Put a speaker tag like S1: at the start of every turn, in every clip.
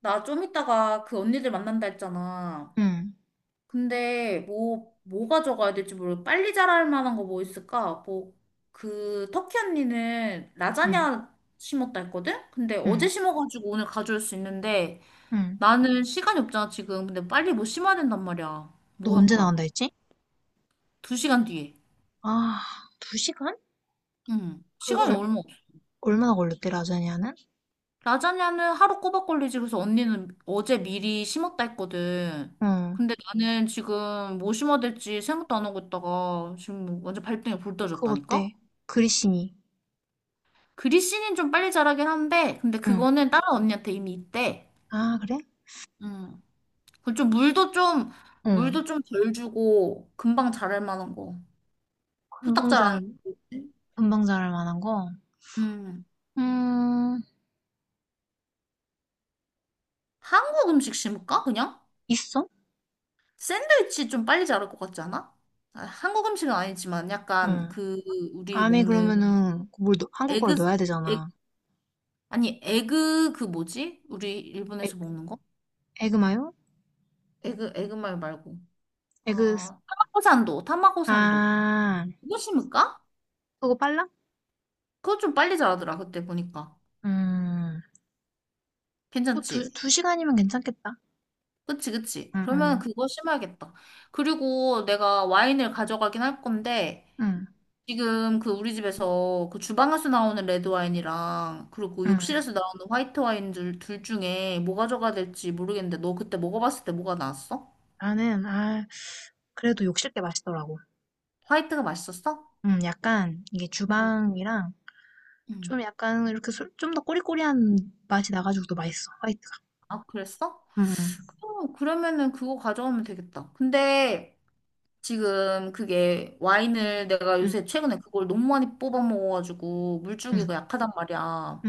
S1: 나 좀 이따가 그 언니들 만난다 했잖아.
S2: 응,
S1: 근데 뭐 가져가야 될지 모르고 빨리 자랄 만한 거 뭐 있을까? 뭐, 그 터키 언니는
S2: 응,
S1: 라자냐 심었다 했거든? 근데
S2: 응,
S1: 어제 심어가지고 오늘 가져올 수 있는데
S2: 응.
S1: 나는 시간이 없잖아, 지금. 근데 빨리 뭐 심어야 된단 말이야.
S2: 너
S1: 뭐
S2: 언제
S1: 할까?
S2: 나간다 했지?
S1: 두 시간 뒤에.
S2: 아, 2시간?
S1: 응.
S2: 그
S1: 시간이
S2: 얼,
S1: 얼마 없어.
S2: 얼마나 걸렸대, 라자냐는?
S1: 라자냐는 하루 꼬박 걸리지. 그래서 언니는 어제 미리 심었다 했거든.
S2: 응,
S1: 근데 나는 지금 뭐 심어야 될지 생각도 안 하고 있다가 지금 완전 발등에 불
S2: 그거
S1: 떠졌다니까?
S2: 어때? 그리시니.
S1: 그리씨는 좀 빨리 자라긴 한데, 근데
S2: 응.
S1: 그거는 다른 언니한테 이미 있대.
S2: 아, 그래?
S1: 음. 그좀 물도 좀,
S2: 응.
S1: 물도 좀 덜 주고 금방 자랄 만한 거. 후딱
S2: 금방
S1: 자라는
S2: 잘,
S1: 거지.
S2: 금방 잘할 만한 거?
S1: 음.
S2: 음,
S1: 한국 음식 심을까? 그냥?
S2: 있어?
S1: 샌드위치 좀 빨리 자랄 것 같지 않아? 아, 한국 음식은 아니지만 약간
S2: 응.
S1: 그 우리
S2: 안에
S1: 먹는
S2: 그러면은 한국어를
S1: 에그,
S2: 넣어야
S1: 에,
S2: 되잖아.
S1: 아니, 에그, 그 뭐지? 우리
S2: 에,
S1: 일본에서 먹는 거?
S2: 에그마요?
S1: 에그, 에그말 말고.
S2: 에그.
S1: 아, 타마고산도, 타마고산도.
S2: 아,
S1: 그거 심을까?
S2: 그거 빨라?
S1: 그거 좀 빨리 자라더라, 그때 보니까.
S2: 음, 뭐 두,
S1: 괜찮지?
S2: 두 시간이면 괜찮겠다.
S1: 그치, 그치.
S2: 응,
S1: 그러면
S2: 응,
S1: 그거 심어야겠다. 그리고 내가 와인을 가져가긴 할 건데,
S2: 응,
S1: 지금 그 우리 집에서 그 주방에서 나오는 레드 와인이랑, 그리고
S2: 응.
S1: 욕실에서 나오는 화이트 와인 둘 중에 뭐 가져가야 될지 모르겠는데, 너 그때 먹어봤을 때 뭐가 나왔어?
S2: 나는, 그래도 욕실 게 맛있더라고.
S1: 화이트가 맛있었어?
S2: 약간, 이게
S1: 응.
S2: 주방이랑,
S1: 음.
S2: 좀 약간, 이렇게 좀 더 꼬리꼬리한 맛이 나가지고 더 맛있어, 화이트가.
S1: 아, 그랬어?
S2: 음,
S1: 그러면은 그거 가져오면 되겠다. 근데 지금 그게 와인을 내가
S2: 음,
S1: 요새 최근에 그걸 너무 많이 뽑아 먹어가지고 물줄기가
S2: 음,
S1: 약하단 말이야.
S2: 음.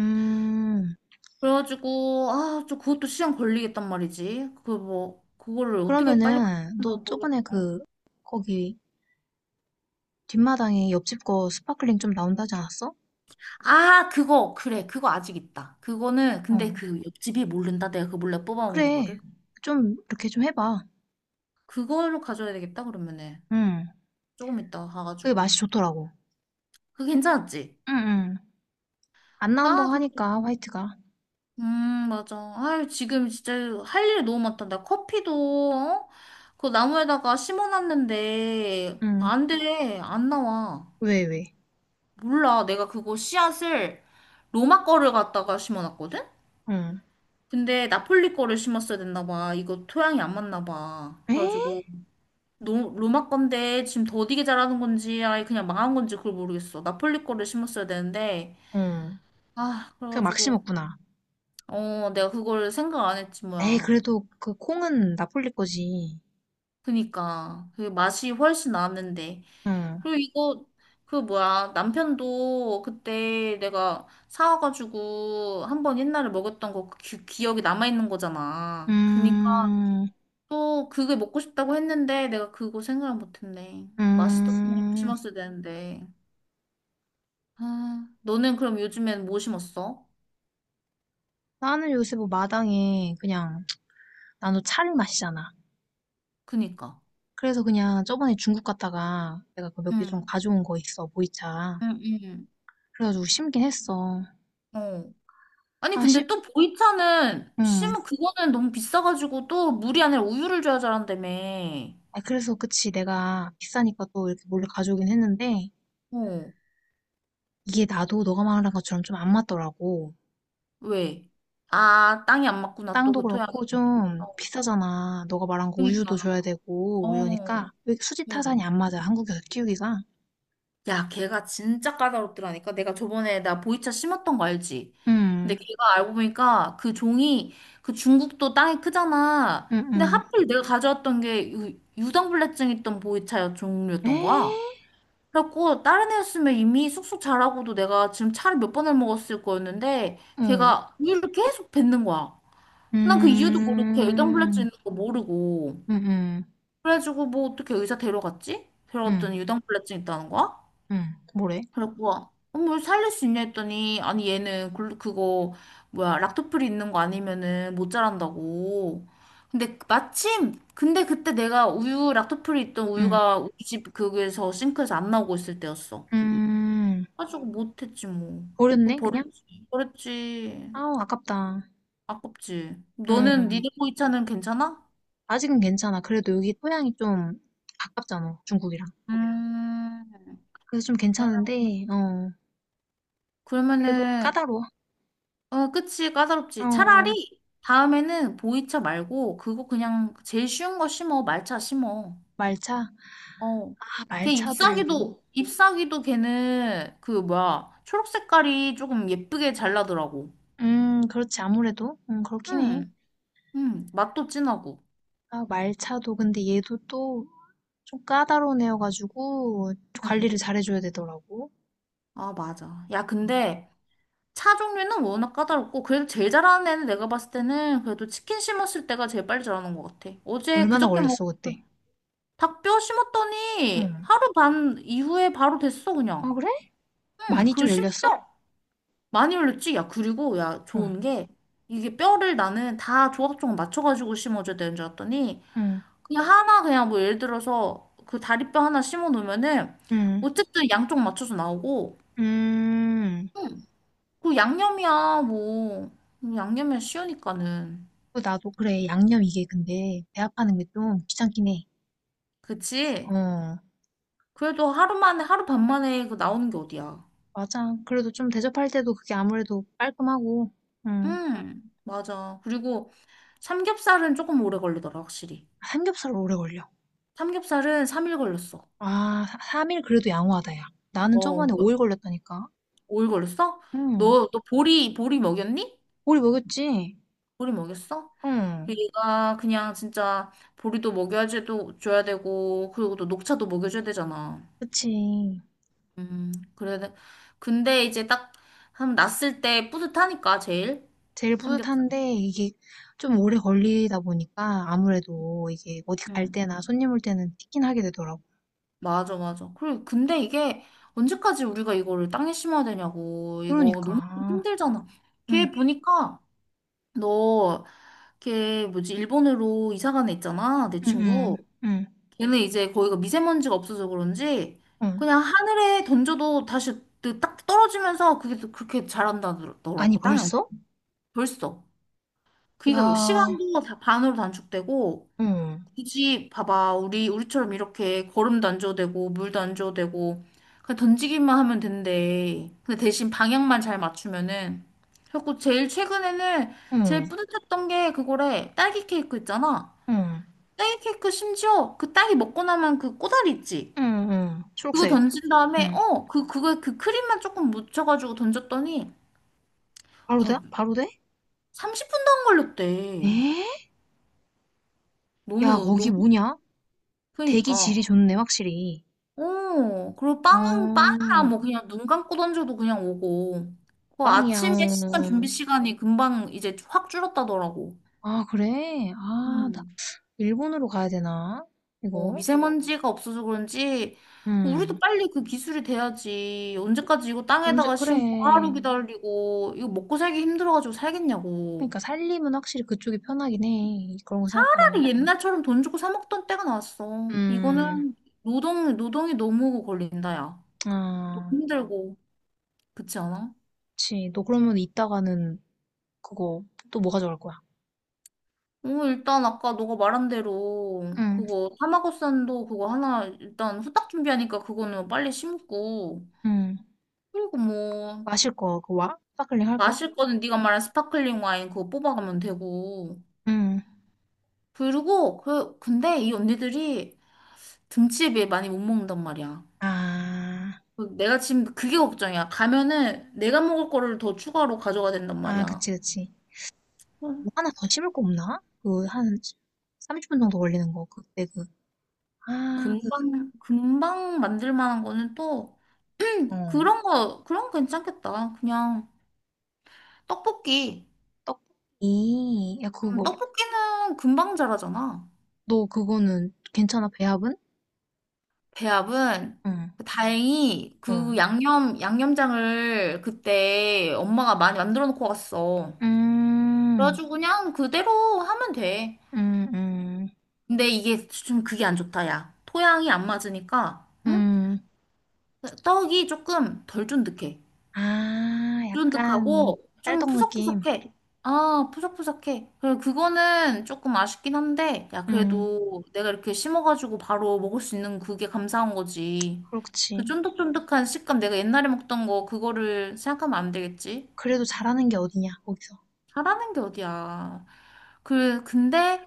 S2: 음,
S1: 그래가지고 아, 저 그것도 시간 걸리겠단 말이지. 그 뭐, 그거를 어떻게 빨리
S2: 그러면은,
S1: 뽑나
S2: 너 저번에
S1: 모르겠다.
S2: 그, 거기, 뒷마당에 옆집 거 스파클링 좀 나온다지 않았어?
S1: 아, 그거 그래. 그거 아직 있다. 그거는
S2: 어,
S1: 근데 그 옆집이 모른다. 내가 그 몰래 뽑아 먹는
S2: 그래.
S1: 거를.
S2: 좀, 이렇게 좀 해봐.
S1: 그걸로 가져야 되겠다. 그러면은
S2: 음,
S1: 조금 이따
S2: 그게
S1: 가가지고.
S2: 맛이 좋더라고.
S1: 그거 괜찮았지?
S2: 응, 응. 안
S1: 아,
S2: 나온다고 하니까, 화이트가.
S1: 맞아. 아유, 지금 진짜 할 일이 너무 많다. 나 커피도, 어? 그 나무에다가 심어놨는데,
S2: 응.
S1: 안 돼. 안 나와.
S2: 왜, 왜?
S1: 몰라. 내가 그거 씨앗을 로마 거를 갖다가 심어놨거든?
S2: 응.
S1: 근데 나폴리 거를 심었어야 됐나 봐. 이거 토양이 안 맞나 봐.
S2: 에?
S1: 그래가지고, 노, 로마 건데 지금 더디게 자라는 건지, 아예 그냥 망한 건지 그걸 모르겠어. 나폴리 거를 심었어야 되는데,
S2: 응.
S1: 아,
S2: 그냥 막시
S1: 그래가지고,
S2: 먹구나.
S1: 어, 내가 그걸 생각 안 했지,
S2: 에이,
S1: 뭐야.
S2: 그래도 그 콩은 나폴리 거지.
S1: 그니까 그 맛이 훨씬 나는데
S2: 응.
S1: 그리고 이거 그 뭐야 남편도 그때 내가 사와가지고 한번 옛날에 먹었던 거 기억이 남아있는 거잖아 그니까
S2: 음,
S1: 또 그게 먹고 싶다고 했는데 내가 그거 생각을 못했네. 맛있었던 걸
S2: 음.
S1: 심었어야 되는데. 아, 너는 그럼 요즘엔 뭐 심었어?
S2: 나는 요새 뭐 마당에 그냥, 나도 차를 마시잖아.
S1: 그니까.
S2: 그래서 그냥 저번에 중국 갔다가 내가 그 몇 개 좀 가져온 거 있어, 보이차.
S1: 응응응.
S2: 그래가지고 심긴 했어.
S1: 어. 아니
S2: 아,
S1: 근데 또 보이차는
S2: 응.
S1: 심은 그거는 너무 비싸가지고 또 물이 아니라 우유를 줘야 잘한다며.
S2: 아, 그래서 그치. 내가 비싸니까 또 이렇게 몰래 가져오긴 했는데,
S1: 어.
S2: 이게 나도 너가 말한 것처럼 좀 안 맞더라고.
S1: 왜? 아, 땅이 안 맞구나. 또
S2: 땅도
S1: 그 토양이.
S2: 그렇고 좀
S1: 어.
S2: 비싸잖아. 너가 말한 거 우유도
S1: 그러니까.
S2: 줘야 되고
S1: 어.
S2: 이러니까 왜 수지 타산이
S1: 어.
S2: 안 맞아. 한국에서 키우기가.
S1: 야, 걔가 진짜 까다롭더라니까. 내가 저번에 나 보이차 심었던 거 알지? 근데
S2: 음,
S1: 걔가 알고 보니까 그 종이 그 중국도 땅이 크잖아.
S2: 음,
S1: 근데
S2: 음.
S1: 하필 내가 가져왔던 게 유당불내증 있던 보이차 종류였던 거야.
S2: 에?
S1: 그래갖고 다른 애였으면 이미 쑥쑥 자라고도 내가 지금 차를 몇 번을 먹었을 거였는데
S2: 어.
S1: 걔가 우유를 계속 뱉는 거야. 난 그 이유도 모르고 걔 유당불내증
S2: 음,
S1: 있는 거 모르고
S2: 음, 음,
S1: 그래가지고 뭐 어떻게 의사 데려갔지?
S2: 음,
S1: 데려갔더니 유당불내증 있다는 거야?
S2: 뭐래?
S1: 그래갖고 어머 살릴 수 있냐 했더니 아니 얘는 그거 뭐야 락토프리 있는 거 아니면은 못 자란다고. 근데 마침 근데 그때 내가 우유 락토프리 있던
S2: 음,
S1: 우유가 우리 집 그거에서 싱크에서 안 나오고 있을 때였어.
S2: 음.
S1: 가지고 못했지 뭐. 뭐
S2: 버렸네 그냥?
S1: 버렸지. 버렸지.
S2: 아우 아깝다.
S1: 아깝지. 너는
S2: 음.
S1: 니네 보이차는 괜찮아?
S2: 아직은 괜찮아. 그래도 여기 토양이 좀 가깝잖아. 중국이랑.
S1: 음.
S2: 그래서 좀 괜찮은데 어. 그래도
S1: 그러면은
S2: 까다로워.
S1: 어 그치 까다롭지.
S2: 어.
S1: 차라리 다음에는 보이차 말고 그거 그냥 제일 쉬운 거 심어. 말차 심어.
S2: 말차?
S1: 어.
S2: 아,
S1: 걔
S2: 말차도.
S1: 잎사귀도 잎사귀도 걔는 그 뭐야 초록 색깔이 조금 예쁘게 잘 나더라고.
S2: 그렇지, 아무래도. 그렇긴 해.
S1: 응. 응. 맛도 진하고.
S2: 아, 말차도, 근데 얘도 또 좀 까다로운 애여가지고
S1: 응.
S2: 관리를 잘해줘야 되더라고.
S1: 아, 맞아. 야 근데 차 종류는 워낙 까다롭고 그래도 제일 잘하는 애는 내가 봤을 때는 그래도 치킨 심었을 때가 제일 빨리 자라는 것 같아. 어제
S2: 얼마나
S1: 그저께 먹
S2: 걸렸어, 그때?
S1: 닭뼈 심었더니
S2: 응.
S1: 하루 반 이후에 바로 됐어
S2: 아,
S1: 그냥.
S2: 그래?
S1: 응.
S2: 많이
S1: 그리고
S2: 좀 열렸어?
S1: 심지어 많이 올렸지. 야 그리고 야
S2: 응,
S1: 좋은 게 이게 뼈를 나는 다 조각조각 맞춰가지고 심어줘야 되는 줄 알았더니
S2: 응,
S1: 그냥 하나 그냥 뭐 예를 들어서 그 다리뼈 하나 심어 놓으면은
S2: 응,
S1: 어쨌든 양쪽 맞춰서 나오고
S2: 음.
S1: 그 양념이야 뭐 양념이야 쉬우니까는.
S2: 그 나도 그래, 양념 이게 근데 배합하는 게 좀 귀찮긴 해.
S1: 그치?
S2: 어,
S1: 그래도 하루 만에, 하루 반 만에 그 나오는 게 어디야.
S2: 맞아. 그래도 좀 대접할 때도 그게 아무래도 깔끔하고, 응.
S1: 맞아. 그리고 삼겹살은 조금 오래 걸리더라, 확실히.
S2: 삼겹살 오래 걸려.
S1: 삼겹살은 3일 걸렸어.
S2: 아, 3일 그래도 양호하다, 야. 나는
S1: 어,
S2: 저번에 5일 걸렸다니까.
S1: 5일 걸렸어?
S2: 응.
S1: 너 보리 먹였니?
S2: 오리 먹였지?
S1: 보리 먹였어?
S2: 응.
S1: 얘가 그냥 진짜 보리도 먹여야지 또 줘야 되고, 그리고 또 녹차도 먹여줘야 되잖아.
S2: 그치.
S1: 그래. 근데 이제 딱, 한, 났을 때 뿌듯하니까, 제일.
S2: 제일
S1: 삼겹살.
S2: 뿌듯한데 이게 좀 오래 걸리다 보니까 아무래도 이게 어디 갈
S1: 음.
S2: 때나 손님 올 때는 티긴 하게 되더라고.
S1: 맞아, 맞아. 그리고 근데 이게 언제까지 우리가 이거를 땅에 심어야 되냐고. 이거 너무
S2: 그러니까.
S1: 힘들잖아.
S2: 응,
S1: 걔 보니까 너, 걔 뭐지, 일본으로 이사 간 애 있잖아. 내
S2: 응, 응,
S1: 친구.
S2: 응,
S1: 걔는 이제 거기가 미세먼지가 없어서 그런지
S2: 응.
S1: 그냥 하늘에 던져도 다시 그딱 떨어지면서 그게 또 그렇게
S2: 아니,
S1: 자란다더라고. 땅에.
S2: 벌써?
S1: 벌써. 그러니까
S2: 야,
S1: 시간도 다 반으로 단축되고
S2: 응,
S1: 굳이 봐봐 우리 우리처럼 이렇게 거름도 안 줘도 되고 물도 안 줘도 되고 그냥 던지기만 하면 된대 근데 대신 방향만 잘 맞추면은 그래갖고 제일 최근에는
S2: 응,
S1: 제일 뿌듯했던 게 그거래. 딸기 케이크 있잖아.
S2: 응,
S1: 딸기 케이크 심지어 그 딸기 먹고 나면 그 꼬다리 있지
S2: 응, 응.
S1: 그거
S2: 초록색.
S1: 던진 다음에
S2: 응.
S1: 어 그 그거 그 크림만 조금 묻혀가지고 던졌더니
S2: 바로 돼?
S1: 아
S2: 바로 돼?
S1: 30분도 안 걸렸대.
S2: 에? 야,
S1: 너무
S2: 거기
S1: 너무.
S2: 뭐냐? 대기
S1: 그니까.
S2: 질이 좋네, 확실히.
S1: 오, 그리고 빵,
S2: 어,
S1: 빵이야, 뭐, 그냥 눈 감고 던져도 그냥 오고. 그
S2: 빵이야.
S1: 아침에 시간, 준비
S2: 어.
S1: 시간이 금방 이제 확 줄었다더라고.
S2: 아, 그래? 아,
S1: 음.
S2: 일본으로 가야 되나?
S1: 어,
S2: 이거?
S1: 미세먼지가 없어서 그런지,
S2: 음.
S1: 우리도 빨리 그 기술이 돼야지. 언제까지 이거
S2: 언제,
S1: 땅에다가
S2: 그래.
S1: 심고 하루 기다리고, 이거 먹고 살기 힘들어가지고 살겠냐고.
S2: 그러니까 살림은 확실히 그쪽이 편하긴 해. 그런 거 생각하면.
S1: 차라리 옛날처럼 돈 주고 사 먹던 때가 나왔어.
S2: 음.
S1: 이거는 노동이 너무 걸린다, 야.
S2: 아,
S1: 힘들고. 그렇지 않아?
S2: 그치. 너 그러면 이따가는 그거 또 뭐 가져갈 거야?
S1: 어, 일단 아까 너가 말한 대로
S2: 응,
S1: 그거 타마고산도 그거 하나 일단 후딱 준비하니까 그거는 빨리 심고
S2: 응.
S1: 그리고 뭐
S2: 마실 거, 그 와? 스파클링 할 거야?
S1: 마실 거는 네가 말한 스파클링 와인 그거 뽑아가면 되고
S2: 응.
S1: 그리고 그 근데 이 언니들이 등치에 많이 못 먹는단 말이야.
S2: 아,
S1: 그 내가 지금 그게 걱정이야. 가면은 내가 먹을 거를 더 추가로 가져가야 된단
S2: 아,
S1: 말이야.
S2: 그치, 그치.
S1: 음.
S2: 뭐 하나 더 심을 거 없나? 그, 한 30분 정도 걸리는 거, 그때 그. 아, 그,
S1: 금방 금방 만들 만한 거는 또
S2: 어.
S1: 그런 거 그런 거 괜찮겠다. 그냥 떡볶이.
S2: 떡볶이. 야, 그거.
S1: 떡볶이는 금방 자라잖아.
S2: 너 그거는 괜찮아, 배합은?
S1: 배합은
S2: 응,
S1: 다행히 그
S2: 응.
S1: 양념장을 그때 엄마가 많이 만들어 놓고 갔어.
S2: 음,
S1: 그래가지고 그냥 그대로 하면 돼.
S2: 음, 음,
S1: 근데 이게 좀 그게 안 좋다, 야. 토양이 안 맞으니까, 응?
S2: 음.
S1: 떡이 조금 덜 쫀득해.
S2: 아, 약간
S1: 쫀득하고 좀
S2: 쌀떡 느낌.
S1: 푸석푸석해. 아, 푸석푸석해. 그래, 그거는 조금 아쉽긴 한데, 야,
S2: 음,
S1: 그래도 내가 이렇게 심어가지고 바로 먹을 수 있는 그게 감사한 거지. 그
S2: 그렇지.
S1: 쫀득쫀득한 식감 내가 옛날에 먹던 거, 그거를 생각하면 안 되겠지?
S2: 그래도 잘하는 게 어디냐, 거기서.
S1: 잘하는 게 어디야. 그, 근데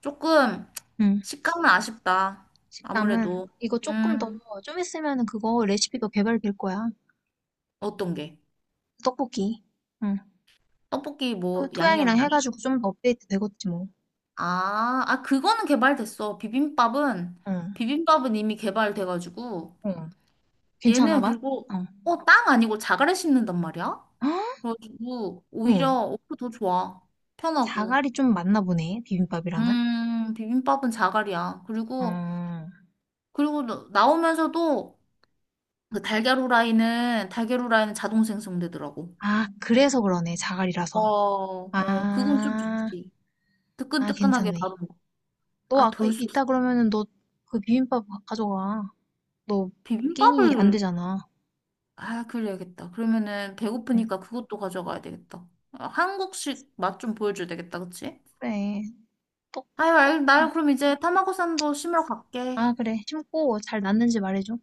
S1: 조금
S2: 음.
S1: 식감은 아쉽다.
S2: 식감은
S1: 아무래도.
S2: 이거 조금 더,
S1: 음,
S2: 좀 있으면은 그거 레시피도 개발될 거야.
S1: 어떤 게?
S2: 떡볶이. 응.
S1: 떡볶이
S2: 또
S1: 뭐 양념.
S2: 토양이랑 해가지고 좀 더 업데이트 되겠지 뭐.
S1: 아, 아, 그거는 개발됐어. 비빔밥은,
S2: 응,
S1: 비빔밥은 이미 개발돼가지고,
S2: 응. 괜찮아,
S1: 얘는
S2: 봐
S1: 그리고,
S2: 어.
S1: 어, 땅 아니고 자갈에 심는단 말이야?
S2: 헉?
S1: 그래가지고, 오히려,
S2: 응.
S1: 어, 더 좋아. 편하고.
S2: 자갈이 좀 맞나 보네, 비빔밥이랑은.
S1: 비빔밥은 자갈이야. 그리고,
S2: 어.
S1: 그리고 나오면서도, 그 달걀 후라이는, 달걀 후라이는 자동 생성되더라고.
S2: 아, 그래서 그러네,
S1: 어,
S2: 자갈이라서.
S1: 어, 그건 좀
S2: 아,
S1: 좋지.
S2: 아,
S1: 뜨끈뜨끈하게 바로
S2: 괜찮네.
S1: 먹어.
S2: 너
S1: 아,
S2: 아까
S1: 돌솥
S2: 있다 그러면은 너 그 비빔밥 져가 너 끼니 안
S1: 비빔밥을.
S2: 되잖아.
S1: 아, 그래야겠다. 그러면은
S2: 응.
S1: 배고프니까 그것도 가져가야 되겠다. 아, 한국식 맛 좀 보여줘야 되겠다, 그치?
S2: 그래. 또,
S1: 아유, 알, 나 그럼 이제 타마고산도 심으러 갈게.
S2: 아, 그래. 심고 잘 났는지 말해줘.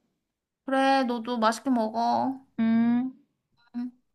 S1: 그래, 너도 맛있게 먹어.
S2: 음.
S1: 응.